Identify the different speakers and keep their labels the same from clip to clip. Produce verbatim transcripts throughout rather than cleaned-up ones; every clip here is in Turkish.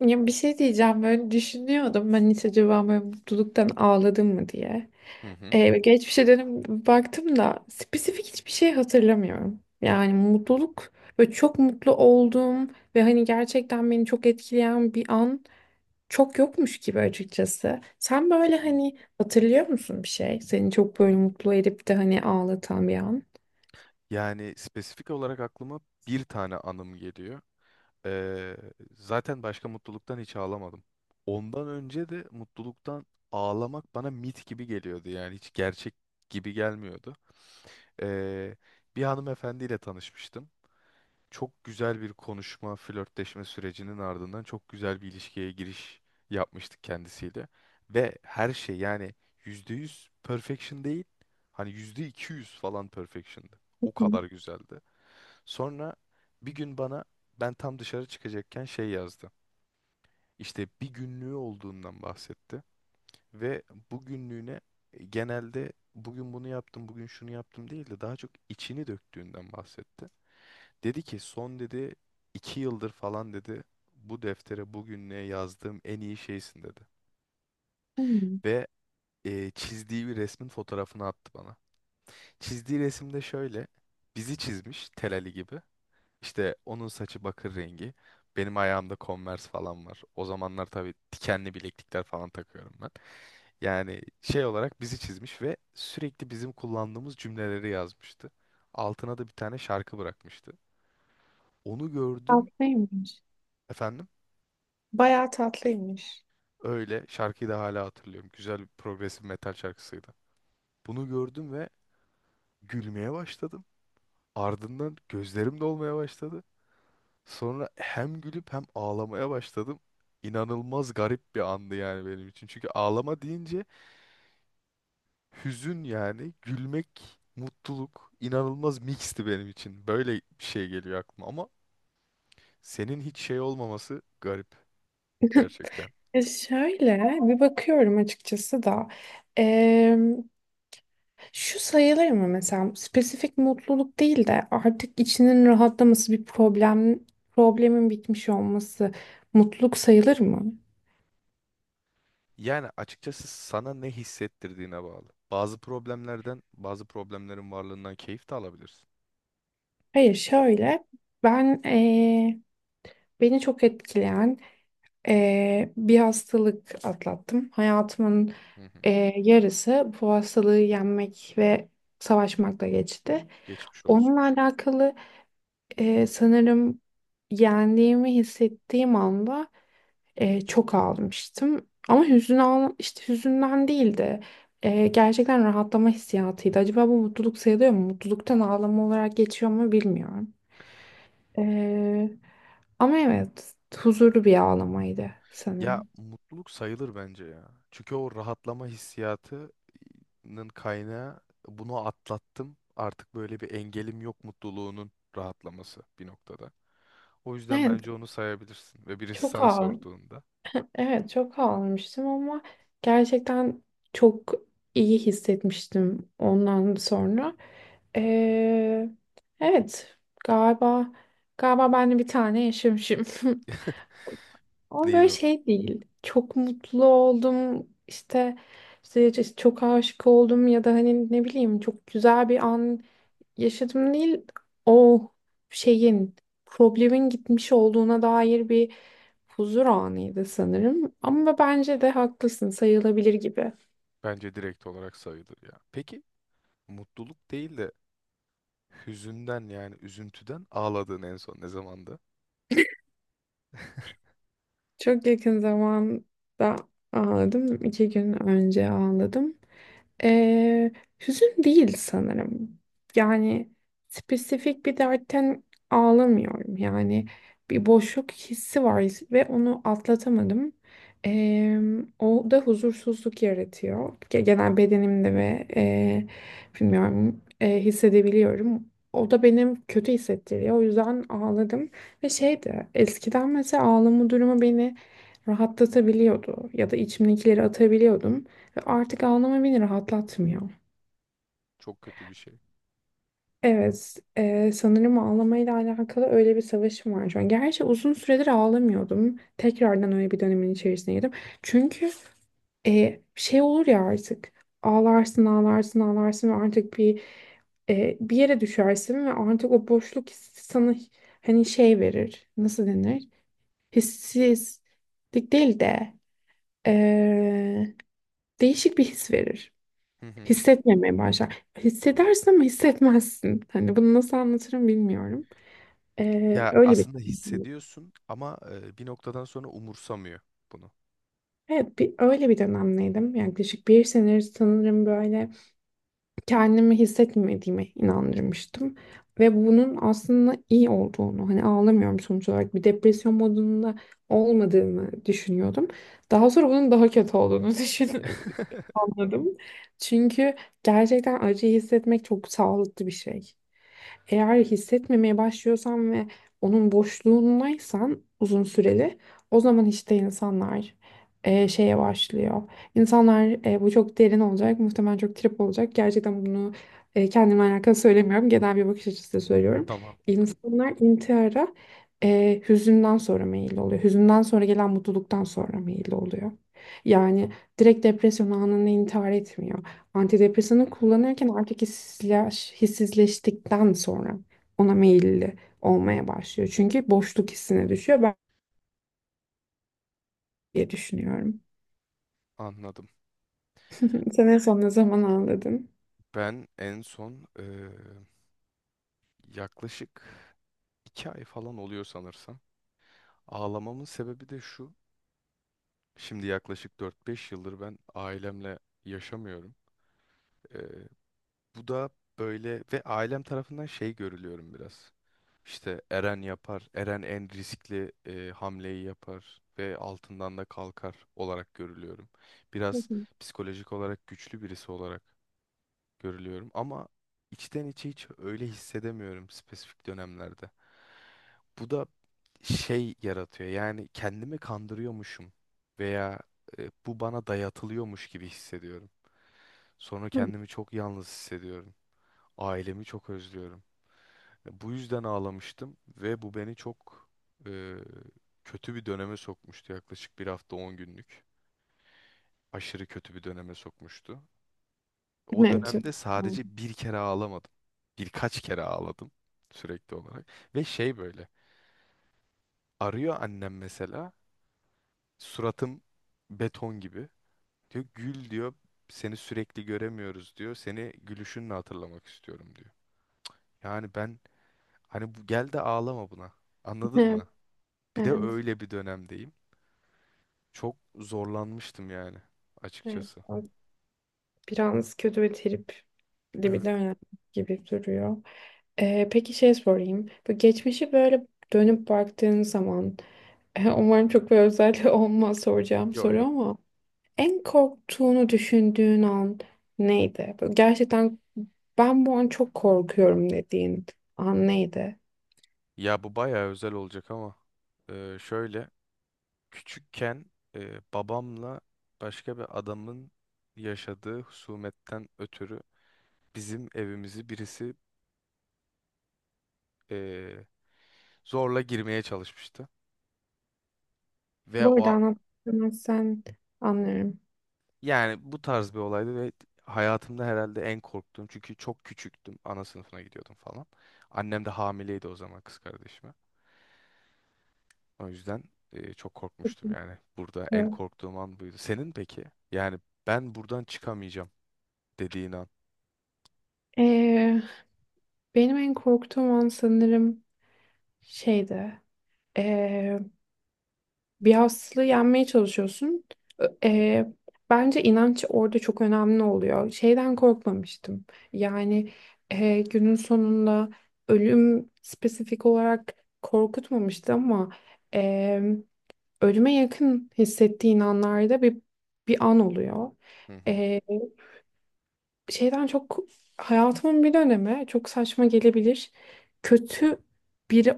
Speaker 1: Ya bir şey diyeceğim böyle düşünüyordum ben hiç acaba böyle mutluluktan ağladım mı diye.
Speaker 2: Hı hı.
Speaker 1: Ee, geçmişe dönüp baktım da spesifik hiçbir şey hatırlamıyorum. Yani mutluluk ve çok mutlu olduğum ve hani gerçekten beni çok etkileyen bir an çok yokmuş gibi açıkçası. Sen böyle
Speaker 2: Hmm.
Speaker 1: hani hatırlıyor musun bir şey? Seni çok böyle mutlu edip de hani ağlatan bir an?
Speaker 2: Yani spesifik olarak aklıma bir tane anım geliyor. Ee, Zaten başka mutluluktan hiç ağlamadım. Ondan önce de mutluluktan ağlamak bana mit gibi geliyordu. Yani hiç gerçek gibi gelmiyordu. Ee, Bir hanımefendiyle tanışmıştım. Çok güzel bir konuşma, flörtleşme sürecinin ardından çok güzel bir ilişkiye giriş yapmıştık kendisiyle. Ve her şey yani yüzde yüz perfection değil, hani yüzde iki yüz falan perfection'dı. O
Speaker 1: Hı,
Speaker 2: kadar güzeldi. Sonra bir gün bana ben tam dışarı çıkacakken şey yazdı. İşte bir günlüğü olduğundan bahsetti. Ve bu günlüğüne e, genelde bugün bunu yaptım, bugün şunu yaptım değil de daha çok içini döktüğünden bahsetti. Dedi ki son dedi iki yıldır falan dedi bu deftere bugünlüğe yazdığım en iyi şeysin dedi.
Speaker 1: hmm,
Speaker 2: Ve e, çizdiği bir resmin fotoğrafını attı bana. Çizdiği resimde şöyle bizi çizmiş Tel Ali gibi. İşte onun saçı bakır rengi. Benim ayağımda Converse falan var. O zamanlar tabii dikenli bileklikler falan takıyorum ben. Yani şey olarak bizi çizmiş ve sürekli bizim kullandığımız cümleleri yazmıştı. Altına da bir tane şarkı bırakmıştı. Onu gördüm
Speaker 1: tatlıymış.
Speaker 2: efendim.
Speaker 1: Bayağı tatlıymış.
Speaker 2: Öyle. Şarkıyı da hala hatırlıyorum. Güzel bir progresif metal şarkısıydı. Bunu gördüm ve gülmeye başladım. Ardından gözlerim dolmaya başladı. Sonra hem gülüp hem ağlamaya başladım. İnanılmaz garip bir andı yani benim için. Çünkü ağlama deyince hüzün yani, gülmek, mutluluk inanılmaz mixti benim için. Böyle bir şey geliyor aklıma ama senin hiç şey olmaması garip gerçekten.
Speaker 1: E şöyle bir bakıyorum açıkçası da. Şu sayılır mı mesela spesifik mutluluk değil de artık içinin rahatlaması bir problem problemin bitmiş olması mutluluk sayılır mı?
Speaker 2: Yani açıkçası sana ne hissettirdiğine bağlı. Bazı problemlerden, bazı problemlerin varlığından keyif de alabilirsin.
Speaker 1: Hayır şöyle ben eee, beni çok etkileyen eee, bir hastalık atlattım. Hayatımın
Speaker 2: Hı hı.
Speaker 1: eee, yarısı bu hastalığı yenmek ve savaşmakla geçti.
Speaker 2: Geçmiş olsun.
Speaker 1: Onunla alakalı eee, sanırım yendiğimi hissettiğim anda E, çok ağlamıştım. Ama hüzün ağla işte hüzünden değil de e, gerçekten rahatlama hissiyatıydı. Acaba bu mutluluk sayılıyor mu? Mutluluktan ağlama olarak geçiyor mu bilmiyorum. E, Ama evet huzurlu bir ağlamaydı
Speaker 2: Ya
Speaker 1: sanırım.
Speaker 2: mutluluk sayılır bence ya. Çünkü o rahatlama hissiyatının kaynağı bunu atlattım. Artık böyle bir engelim yok mutluluğunun rahatlaması bir noktada. O yüzden
Speaker 1: Evet
Speaker 2: bence onu sayabilirsin. Ve birisi
Speaker 1: çok
Speaker 2: sana
Speaker 1: ağladım.
Speaker 2: sorduğunda
Speaker 1: Evet çok ağlamıştım ama gerçekten çok iyi hissetmiştim ondan sonra. E, evet galiba galiba ben de bir tane yaşamışım. Ama böyle
Speaker 2: neydi o?
Speaker 1: şey değil. Çok mutlu oldum. İşte işte çok aşık oldum ya da hani ne bileyim çok güzel bir an yaşadım değil o şeyin problemin gitmiş olduğuna dair bir huzur anıydı sanırım. Ama bence de haklısın sayılabilir gibi.
Speaker 2: Bence direkt olarak sayılır ya. Peki mutluluk değil de hüzünden yani üzüntüden ağladığın en son ne zamandı?
Speaker 1: Çok yakın zamanda ağladım. İki gün önce ağladım. Ee, Hüzün değil sanırım. Yani spesifik bir dertten ağlamıyorum. Yani bir boşluk hissi var ve onu atlatamadım. Ee, O da huzursuzluk yaratıyor. Ge- Genel bedenimde ve e, bilmiyorum e, hissedebiliyorum. O da benim kötü hissettiriyor. O yüzden ağladım. Ve şeydi eskiden mesela ağlama durumu beni rahatlatabiliyordu. Ya da içimdekileri atabiliyordum. Ve artık ağlama beni rahatlatmıyor.
Speaker 2: Çok kötü bir şey.
Speaker 1: Evet, e, sanırım ağlamayla alakalı öyle bir savaşım var şu an. Gerçi uzun süredir ağlamıyordum. Tekrardan öyle bir dönemin içerisine girdim. Çünkü e, şey olur ya artık ağlarsın ağlarsın ağlarsın ve artık bir e, bir yere düşersin ve artık o boşluk hissi sana hani şey verir nasıl denir hissizlik değil de e, değişik bir his verir.
Speaker 2: Hı hı.
Speaker 1: Hissetmemeye başlar. Hissedersin ama hissetmezsin. Hani bunu nasıl anlatırım bilmiyorum. Ee,
Speaker 2: Ya
Speaker 1: öyle bir
Speaker 2: aslında hissediyorsun ama e, bir noktadan sonra umursamıyor bunu.
Speaker 1: Evet bir öyle bir dönemdeydim. Yani yaklaşık bir senedir sanırım böyle kendimi hissetmediğime inandırmıştım. Ve bunun aslında iyi olduğunu, hani ağlamıyorum sonuç olarak bir depresyon modunda olmadığımı düşünüyordum. Daha sonra bunun daha kötü olduğunu düşün anladım. Çünkü gerçekten acıyı hissetmek çok sağlıklı bir şey. Eğer hissetmemeye başlıyorsan ve onun boşluğundaysan uzun süreli, o zaman işte insanlar eee, şeye başlıyor. İnsanlar e, bu çok derin olacak, muhtemelen çok trip olacak. Gerçekten bunu e, kendimle alakalı söylemiyorum. Genel bir bakış açısıyla söylüyorum.
Speaker 2: Tamam.
Speaker 1: İnsanlar intihara e, hüzünden sonra meyilli oluyor. Hüzünden sonra gelen mutluluktan sonra meyilli oluyor. Yani direkt depresyon anında intihar etmiyor.
Speaker 2: Hı
Speaker 1: Antidepresanı
Speaker 2: hı.
Speaker 1: kullanırken artık hissizleş, hissizleştikten sonra ona meyilli olmaya başlıyor. Çünkü boşluk hissine düşüyor ben diye düşünüyorum.
Speaker 2: Anladım.
Speaker 1: Sen en son ne zaman ağladın?
Speaker 2: Ben en son e, yaklaşık iki ay falan oluyor sanırsam. Ağlamamın sebebi de şu. Şimdi yaklaşık dört beş yıldır ben ailemle yaşamıyorum. E, Bu da böyle ve ailem tarafından şey görülüyorum biraz. İşte Eren yapar. Eren en riskli e, hamleyi yapar ve altından da kalkar olarak görülüyorum.
Speaker 1: Hı
Speaker 2: Biraz psikolojik olarak güçlü birisi olarak görülüyorum ama içten içe hiç öyle hissedemiyorum spesifik dönemlerde. Bu da şey yaratıyor. Yani kendimi kandırıyormuşum veya e, bu bana dayatılıyormuş gibi hissediyorum. Sonra
Speaker 1: hı.
Speaker 2: kendimi çok yalnız hissediyorum. Ailemi çok özlüyorum. Bu yüzden ağlamıştım ve bu beni çok e, kötü bir döneme sokmuştu. Yaklaşık bir hafta on günlük. Aşırı kötü bir döneme sokmuştu. O
Speaker 1: Evet.
Speaker 2: dönemde sadece bir kere ağlamadım. Birkaç kere ağladım sürekli olarak. Ve şey böyle arıyor annem mesela suratım beton gibi. Diyor gül diyor seni sürekli göremiyoruz diyor. Seni gülüşünle hatırlamak istiyorum diyor. Yani ben hani bu, gel de ağlama buna anladın
Speaker 1: Evet.
Speaker 2: mı? Bir de
Speaker 1: Evet.
Speaker 2: öyle bir dönemdeyim. Çok zorlanmıştım yani
Speaker 1: Evet.
Speaker 2: açıkçası.
Speaker 1: O biraz kötü ve tripli bir
Speaker 2: Evet.
Speaker 1: dönem gibi duruyor. Ee, peki şey sorayım. Bu geçmişi böyle dönüp baktığın zaman umarım çok bir özel olmaz soracağım
Speaker 2: Yo
Speaker 1: soru
Speaker 2: yo.
Speaker 1: ama en korktuğunu düşündüğün an neydi? Böyle gerçekten ben bu an çok korkuyorum dediğin an neydi?
Speaker 2: Ya bu bayağı özel olacak ama e, şöyle küçükken e, babamla başka bir adamın yaşadığı husumetten ötürü bizim evimizi birisi e, zorla girmeye çalışmıştı. Ve
Speaker 1: Bu
Speaker 2: o
Speaker 1: arada
Speaker 2: a-
Speaker 1: anlatmazsan anlarım.
Speaker 2: Yani bu tarz bir olaydı ve hayatımda herhalde en korktuğum çünkü çok küçüktüm. Ana sınıfına gidiyordum falan. Annem de hamileydi o zaman kız kardeşim. O yüzden e, çok korkmuştum yani. Burada en
Speaker 1: Evet.
Speaker 2: korktuğum an buydu. Senin peki? Yani ben buradan çıkamayacağım dediğin an.
Speaker 1: Ee, Benim en korktuğum an sanırım şeydi. Ee, Bir hastalığı yenmeye çalışıyorsun. Ö-
Speaker 2: Hı hı,
Speaker 1: e, Bence inanç orada çok önemli oluyor. Şeyden korkmamıştım. Yani e, günün sonunda ölüm spesifik olarak korkutmamıştı ama e, ölüme yakın hissettiğin anlarda bir bir an oluyor.
Speaker 2: hı hı,
Speaker 1: E, Şeyden çok hayatımın bir dönemi çok saçma gelebilir. Kötü biri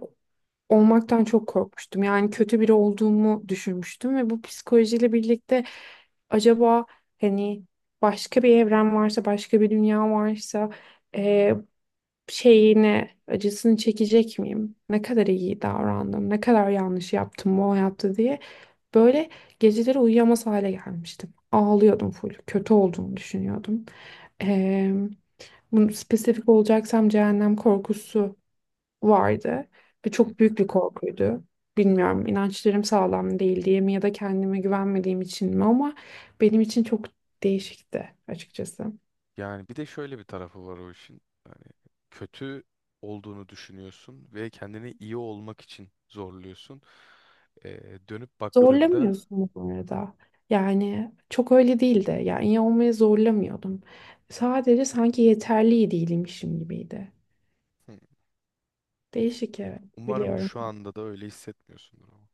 Speaker 1: olmaktan çok korkmuştum. Yani kötü biri olduğumu düşünmüştüm ve bu psikolojiyle birlikte acaba hani başka bir evren varsa, başka bir dünya varsa e, şeyini, acısını çekecek miyim? Ne kadar iyi davrandım, ne kadar yanlış yaptım bu hayatta diye böyle geceleri uyuyamaz hale gelmiştim. Ağlıyordum full, kötü olduğumu düşünüyordum. E, Bunu spesifik olacaksam cehennem korkusu vardı ve
Speaker 2: hı
Speaker 1: çok
Speaker 2: hı.
Speaker 1: büyük bir korkuydu. Bilmiyorum inançlarım sağlam değil diye mi ya da kendime güvenmediğim için mi ama benim için çok değişikti açıkçası.
Speaker 2: Yani bir de şöyle bir tarafı var o işin. Hani kötü olduğunu düşünüyorsun ve kendini iyi olmak için zorluyorsun. Ee, dönüp baktığında...
Speaker 1: Zorlamıyorsun bu arada. Yani çok öyle değildi. Yani iyi olmaya zorlamıyordum. Sadece sanki yeterli değilmişim gibiydi.
Speaker 2: Hı.
Speaker 1: Değişik, evet,
Speaker 2: Umarım
Speaker 1: biliyorum.
Speaker 2: şu anda da öyle hissetmiyorsundur ama.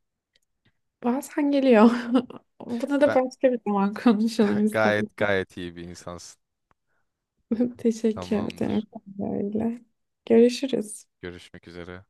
Speaker 1: Bazen geliyor. Buna da
Speaker 2: Ben
Speaker 1: başka bir zaman konuşalım istedim.
Speaker 2: gayet gayet iyi bir insansın.
Speaker 1: Teşekkür
Speaker 2: Tamamdır.
Speaker 1: ederim. Öyle. Görüşürüz.
Speaker 2: Görüşmek üzere.